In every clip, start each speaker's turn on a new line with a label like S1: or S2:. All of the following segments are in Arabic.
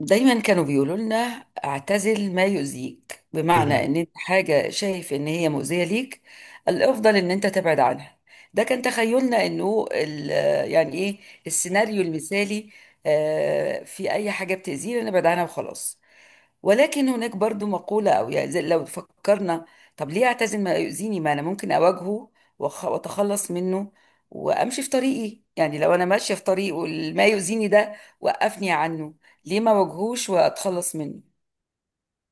S1: دايما كانوا بيقولوا لنا اعتزل ما يؤذيك، بمعنى
S2: مهم.
S1: ان انت حاجة شايف ان هي مؤذية ليك الافضل ان انت تبعد عنها. ده كان تخيلنا انه يعني ايه، السيناريو المثالي. في اي حاجة بتأذينا نبعد عنها وخلاص. ولكن هناك برضو مقولة او يعني لو فكرنا، طب ليه اعتزل ما يؤذيني؟ ما انا ممكن اواجهه واتخلص منه وامشي في طريقي. يعني لو انا ماشية في طريق والما يؤذيني ده وقفني عنه، ليه ما واجهوش واتخلص منه؟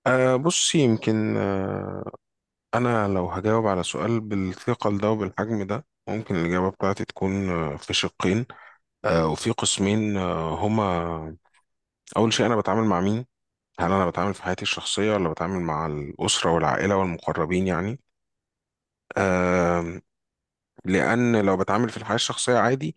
S2: بص، يمكن أنا لو هجاوب على سؤال بالثقل ده وبالحجم ده، ممكن الإجابة بتاعتي تكون في شقين وفي قسمين هما. أول شيء، أنا بتعامل مع مين؟ هل أنا بتعامل في حياتي الشخصية ولا بتعامل مع الأسرة والعائلة والمقربين يعني؟ لان لو بتعامل في الحياه الشخصيه عادي،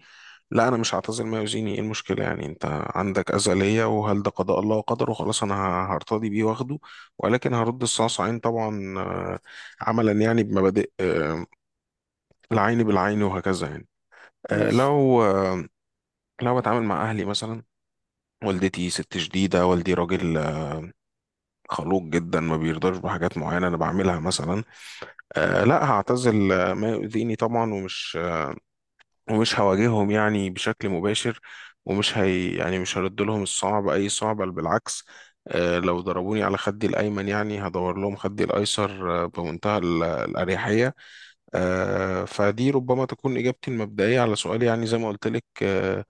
S2: لا انا مش هعتذر ما يؤذيني، ايه المشكله يعني؟ انت عندك اذى ليا، وهل ده قضاء الله وقدره؟ خلاص انا هرتضي بيه واخده. ولكن هرد الصاص عين طبعا، عملا يعني بمبادئ، العين بالعين وهكذا يعني. آه،
S1: مش
S2: لو آه، لو بتعامل مع اهلي مثلا، والدتي ست شديده، والدي راجل خلوق جدا، ما بيرضاش بحاجات معينه انا بعملها مثلا. لا، هعتزل ما يؤذيني طبعا، ومش هواجههم يعني بشكل مباشر، ومش هي يعني مش هرد لهم الصعب، اي صعب، بل بالعكس. لو ضربوني على خدي الايمن، يعني هدور لهم خدي الايسر بمنتهى الاريحيه. فدي ربما تكون اجابتي المبدئيه على سؤال، يعني زي ما قلت لك، آه،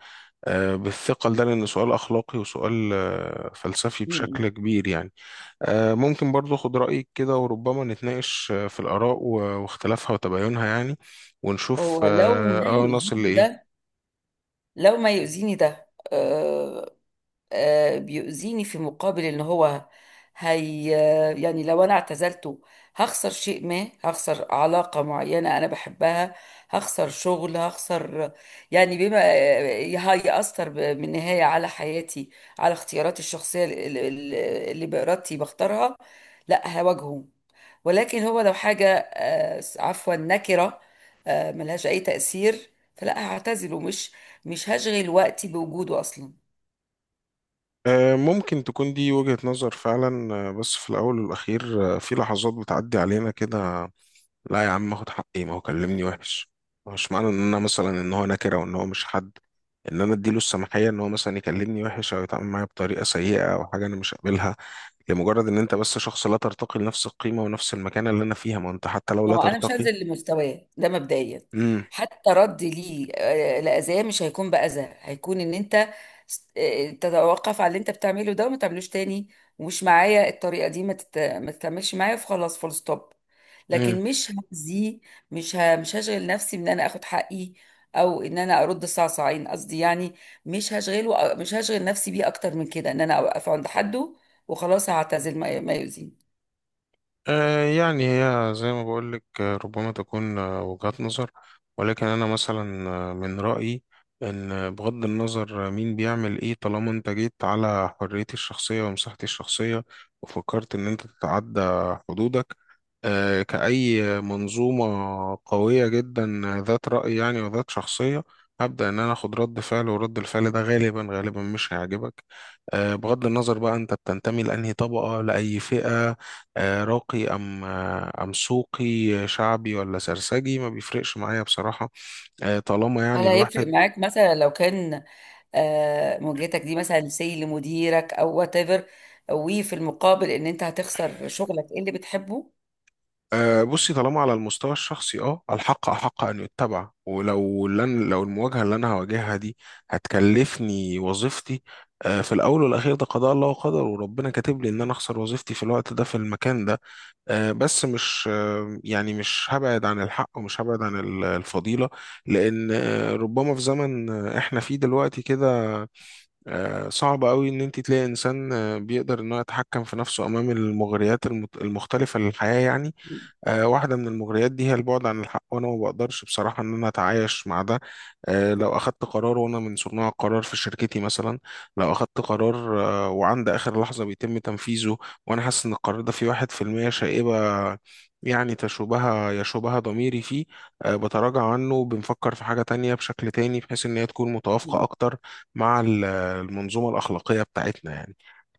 S2: آه، بالثقل ده، لان سؤال اخلاقي وسؤال فلسفي بشكل كبير يعني. ممكن برضو اخد رايك كده، وربما نتناقش في الاراء واختلافها وتباينها يعني، ونشوف
S1: هو لو ما
S2: نصل
S1: يؤذيني
S2: لايه.
S1: ده، لو ما يؤذيني ده آه، بيؤذيني في مقابل ان هو، هي آه، يعني لو انا اعتزلته هخسر شيء ما، هخسر علاقة معينة انا بحبها، هخسر شغل، هخسر، يعني بما هيأثر بالنهاية على حياتي، على اختياراتي الشخصية اللي بإرادتي بختارها. لا، هواجهه. ولكن هو لو حاجة عفوا، نكرة، ملهاش أي تأثير، فلا هعتزله، مش هشغل وقتي بوجوده أصلا.
S2: ممكن تكون دي وجهة نظر فعلا، بس في الأول والأخير في لحظات بتعدي علينا كده. لا يا عم، اخد حقي، ما هو كلمني وحش. مش معنى إن أنا مثلا إن هو نكرة وإن هو مش حد، إن أنا أديله السماحية إن هو مثلا يكلمني وحش أو يتعامل معايا بطريقة سيئة أو حاجة أنا مش قابلها، لمجرد إن أنت بس شخص لا ترتقي لنفس القيمة ونفس المكانة اللي أنا فيها. ما أنت حتى لو
S1: ما
S2: لا
S1: هو انا مش
S2: ترتقي.
S1: هنزل لمستواه ده مبدئيا.
S2: امم.
S1: حتى رد ليه لاذاه مش هيكون باذى، هيكون ان انت تتوقف على اللي انت بتعمله ده وما تعملوش تاني، ومش معايا الطريقه دي ما تكملش معايا فخلاص، فول ستوب.
S2: امم.
S1: لكن مش هأذيه، مش هشغل نفسي بان انا اخد حقي او ان انا ارد صعصعين، قصدي يعني مش هشغل نفسي بيه اكتر من كده، ان انا اوقف عند حده وخلاص، هعتزل ما يؤذيني.
S2: يعني هي زي ما بقولك، ربما تكون وجهات نظر. ولكن أنا مثلا من رأيي إن، بغض النظر مين بيعمل إيه، طالما أنت جيت على حريتي الشخصية ومساحتي الشخصية وفكرت إن أنت تتعدى حدودك، كأي منظومة قوية جدا، ذات رأي يعني وذات شخصية، هبدأ إن أنا أخد رد فعل، ورد الفعل ده غالبا غالبا مش هيعجبك. بغض النظر بقى أنت بتنتمي لأنهي طبقة، لأي فئة، راقي أم أم سوقي، شعبي ولا سرسجي، ما بيفرقش معايا بصراحة. طالما يعني
S1: هل هيفرق
S2: الواحد.
S1: معاك مثلا لو كان مواجهتك دي مثلا سي لمديرك او وات ايفر، وفي المقابل ان انت هتخسر شغلك إيه اللي بتحبه؟
S2: بصي، طالما على المستوى الشخصي، الحق أحق أن يتبع، ولو، لن لو المواجهة اللي أنا هواجهها دي هتكلفني وظيفتي، في الأول والأخير ده قضاء الله وقدر، وربنا كاتب لي إن أنا أخسر وظيفتي في الوقت ده في المكان ده. بس مش، يعني مش هبعد عن الحق، ومش هبعد عن الفضيلة. لأن ربما في زمن إحنا فيه دلوقتي كده، صعب قوي ان انت تلاقي انسان بيقدر ان هو يتحكم في نفسه امام المغريات المختلفه للحياه يعني. واحده من المغريات دي هي البعد عن الحق، وانا ما بقدرش بصراحه ان انا اتعايش مع ده. لو اخدت قرار، وانا من صناع القرار في شركتي مثلا، لو اخدت قرار وعند اخر لحظه بيتم تنفيذه، وانا حاسس ان القرار ده فيه 1% شائبه، يعني يشوبها ضميري فيه، بتراجع عنه، بنفكر في حاجة تانية بشكل تاني، بحيث إن هي تكون متوافقة أكتر مع المنظومة الأخلاقية بتاعتنا يعني.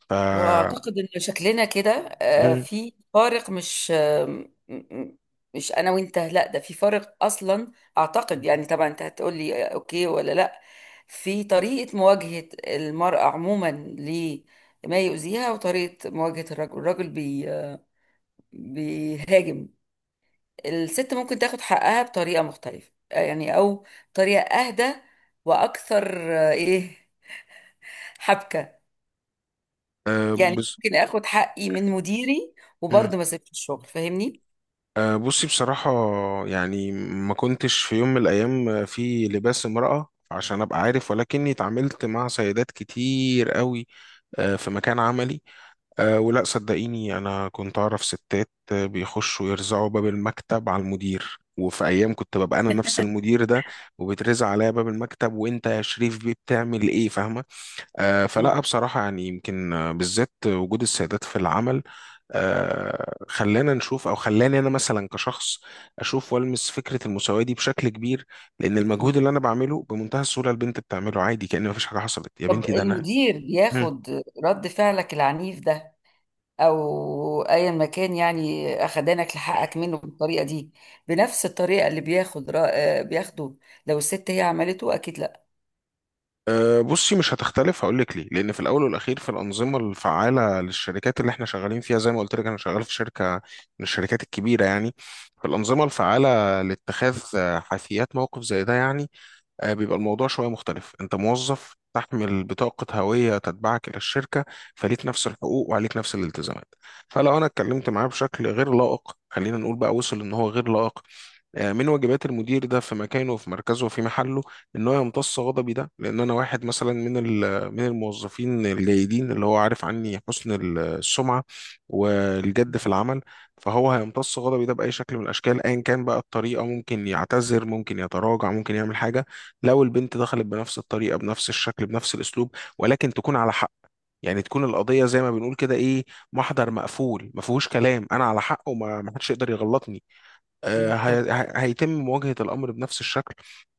S2: ف
S1: واعتقد ان شكلنا كده
S2: مم.
S1: في فارق، مش آه، م- م- مش انا وانت، لا، ده في فارق اصلا. اعتقد يعني طبعا انت هتقول لي اوكي ولا لا، في طريقة مواجهة المرأة عموما لما يؤذيها، وطريقة مواجهة الرجل. الرجل بي آه، بيهاجم، الست ممكن تاخد حقها بطريقة مختلفة، يعني أو طريقة أهدى وأكثر إيه، حبكة. يعني
S2: بص.
S1: ممكن آخد حقي من مديري
S2: مم.
S1: وبرضه ما سيبش الشغل، فاهمني؟
S2: بصي بصراحة، يعني ما كنتش في يوم من الأيام في لباس امرأة عشان أبقى عارف، ولكني اتعاملت مع سيدات كتير قوي في مكان عملي. ولا صدقيني، أنا كنت أعرف ستات بيخشوا يرزعوا باب المكتب على المدير، وفي أيام كنت ببقى أنا نفس المدير ده وبترزع عليا باب المكتب: وأنت يا شريف بيه بتعمل إيه؟ فاهمة؟ فلا
S1: مم.
S2: بصراحة يعني، يمكن بالذات وجود السيدات في العمل خلانا نشوف، أو خلاني أنا مثلا كشخص أشوف وألمس فكرة المساواة دي بشكل كبير. لأن
S1: مم.
S2: المجهود اللي أنا بعمله بمنتهى السهولة البنت بتعمله عادي، كأن مفيش حاجة حصلت يا
S1: طب
S2: بنتي، ده أنا.
S1: المدير
S2: مم.
S1: ياخد رد فعلك العنيف ده أو أيا ما كان، يعني أخدانك لحقك منه بالطريقة دي بنفس الطريقة اللي بياخد رأ... آه، بياخده لو الست هي عملته؟ أكيد لأ.
S2: بصي، مش هتختلف، هقول لك ليه. لان في الاول والاخير، في الانظمه الفعاله للشركات اللي احنا شغالين فيها، زي ما قلت لك انا شغال في شركه من الشركات الكبيره يعني، في الانظمه الفعاله لاتخاذ حيثيات موقف زي ده يعني، بيبقى الموضوع شوية مختلف. أنت موظف تحمل بطاقة هوية تتبعك إلى الشركة، فليك نفس الحقوق وعليك نفس الالتزامات. فلو أنا اتكلمت معاه بشكل غير لائق، خلينا نقول بقى وصل إن هو غير لائق، من واجبات المدير ده في مكانه وفي مركزه وفي محله ان هو يمتص غضبي ده، لان انا واحد مثلا من الموظفين الجيدين اللي هو عارف عني حسن السمعه والجد في العمل. فهو هيمتص غضبي ده باي شكل من الاشكال، ايا كان بقى الطريقه. ممكن يعتذر، ممكن يتراجع، ممكن يعمل حاجه. لو البنت دخلت بنفس الطريقه بنفس الشكل بنفس الاسلوب، ولكن تكون على حق، يعني تكون القضيه زي ما بنقول كده، ايه، محضر مقفول ما فيهوش كلام، انا على حق وما ما حدش يقدر يغلطني.
S1: مم.
S2: هيتم مواجهة الأمر بنفس الشكل،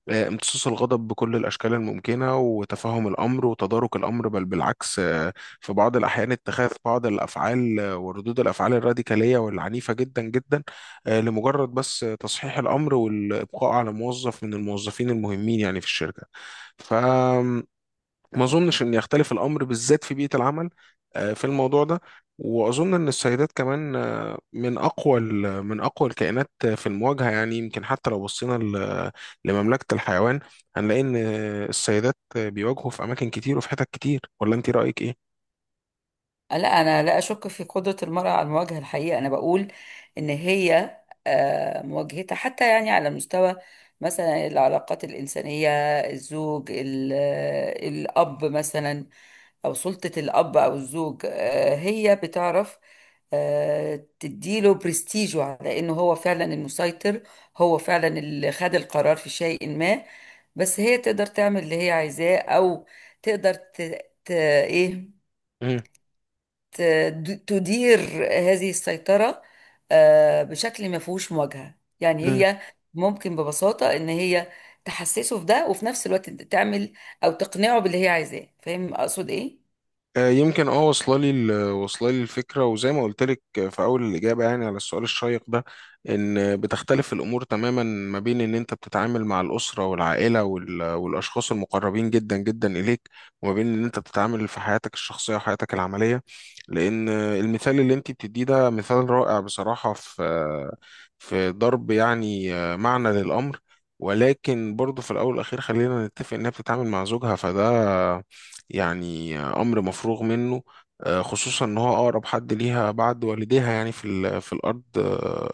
S2: امتصاص الغضب بكل الأشكال الممكنة وتفهم الأمر وتدارك الأمر، بل بالعكس. في بعض الأحيان اتخاذ بعض الأفعال وردود الأفعال الراديكالية والعنيفة جدا جدا، لمجرد بس تصحيح الأمر والإبقاء على موظف من الموظفين المهمين يعني في الشركة. ما اظنش ان يختلف الامر بالذات في بيئه العمل في الموضوع ده. واظن ان السيدات كمان من اقوى من اقوى الكائنات في المواجهه يعني، يمكن حتى لو بصينا لمملكه الحيوان، هنلاقي ان السيدات بيواجهوا في اماكن كتير وفي حتت كتير. ولا انت رايك
S1: لا، انا لا اشك في قدره المراه على المواجهه. الحقيقه انا بقول ان هي مواجهتها حتى يعني على مستوى مثلا العلاقات الانسانيه، الزوج ال- آه، الاب مثلا او سلطه الاب او الزوج، هي بتعرف تديله برستيجه على انه هو فعلا المسيطر، هو فعلا اللي خد القرار في شيء ما، بس هي تقدر تعمل اللي هي عايزاه. او تقدر ايه،
S2: ايه؟
S1: تدير هذه السيطرة بشكل ما فيهوش مواجهة. يعني
S2: مم.
S1: هي ممكن ببساطة ان هي تحسسه في ده وفي نفس الوقت تعمل او تقنعه باللي هي عايزاه، فاهم اقصد ايه؟
S2: يمكن واصله لي واصله لي الفكره، وزي ما قلت لك في اول الاجابه يعني على السؤال الشيق ده، ان بتختلف الامور تماما ما بين ان انت بتتعامل مع الاسره والعائله والاشخاص المقربين جدا جدا اليك، وما بين ان انت بتتعامل في حياتك الشخصيه وحياتك العمليه. لان المثال اللي انت بتديه ده مثال رائع بصراحه، في ضرب يعني معنى للامر. ولكن برضه في الاول والاخير خلينا نتفق انها بتتعامل مع زوجها، فده يعني امر مفروغ منه. خصوصا ان هو اقرب حد ليها بعد والديها يعني في الارض، آه،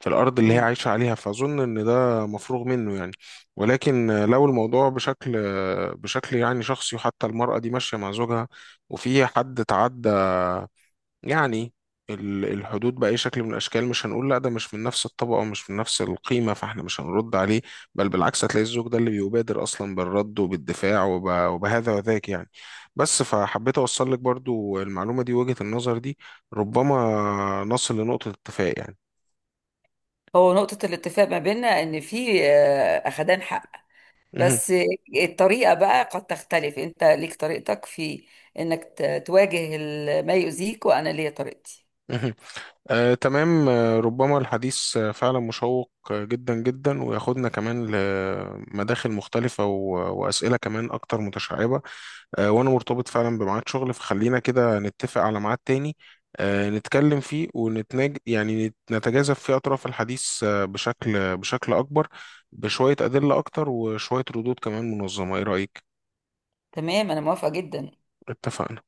S2: في الارض اللي هي
S1: مم.
S2: عايشه عليها، فاظن ان ده مفروغ منه يعني. ولكن لو الموضوع بشكل، بشكل يعني شخصي، وحتى المراه دي ماشيه مع زوجها وفي حد تعدى يعني الحدود بأي شكل من الأشكال، مش هنقول لا ده مش من نفس الطبقة ومش من نفس القيمة فاحنا مش هنرد عليه. بل بالعكس، هتلاقي الزوج ده اللي بيبادر أصلا بالرد وبالدفاع وبهذا وذاك يعني. بس فحبيت أوصل لك برضو المعلومة دي، وجهة النظر دي ربما نصل لنقطة اتفاق يعني.
S1: هو نقطة الاتفاق ما بيننا ان في اخدان حق،
S2: مهم.
S1: بس الطريقة بقى قد تختلف. انت ليك طريقتك في انك تواجه ما يؤذيك، وانا ليا طريقتي.
S2: مهم. تمام. ربما الحديث فعلا مشوق جدا جدا، وياخدنا كمان لمداخل مختلفة وأسئلة كمان أكتر متشعبة. وانا مرتبط فعلا بميعاد شغل، فخلينا كده نتفق على ميعاد تاني نتكلم فيه يعني نتجاذب فيه اطراف الحديث بشكل اكبر، بشوية ادلة اكتر وشوية ردود كمان منظمة. ايه رأيك؟
S1: تمام، انا موافقة جدا.
S2: اتفقنا.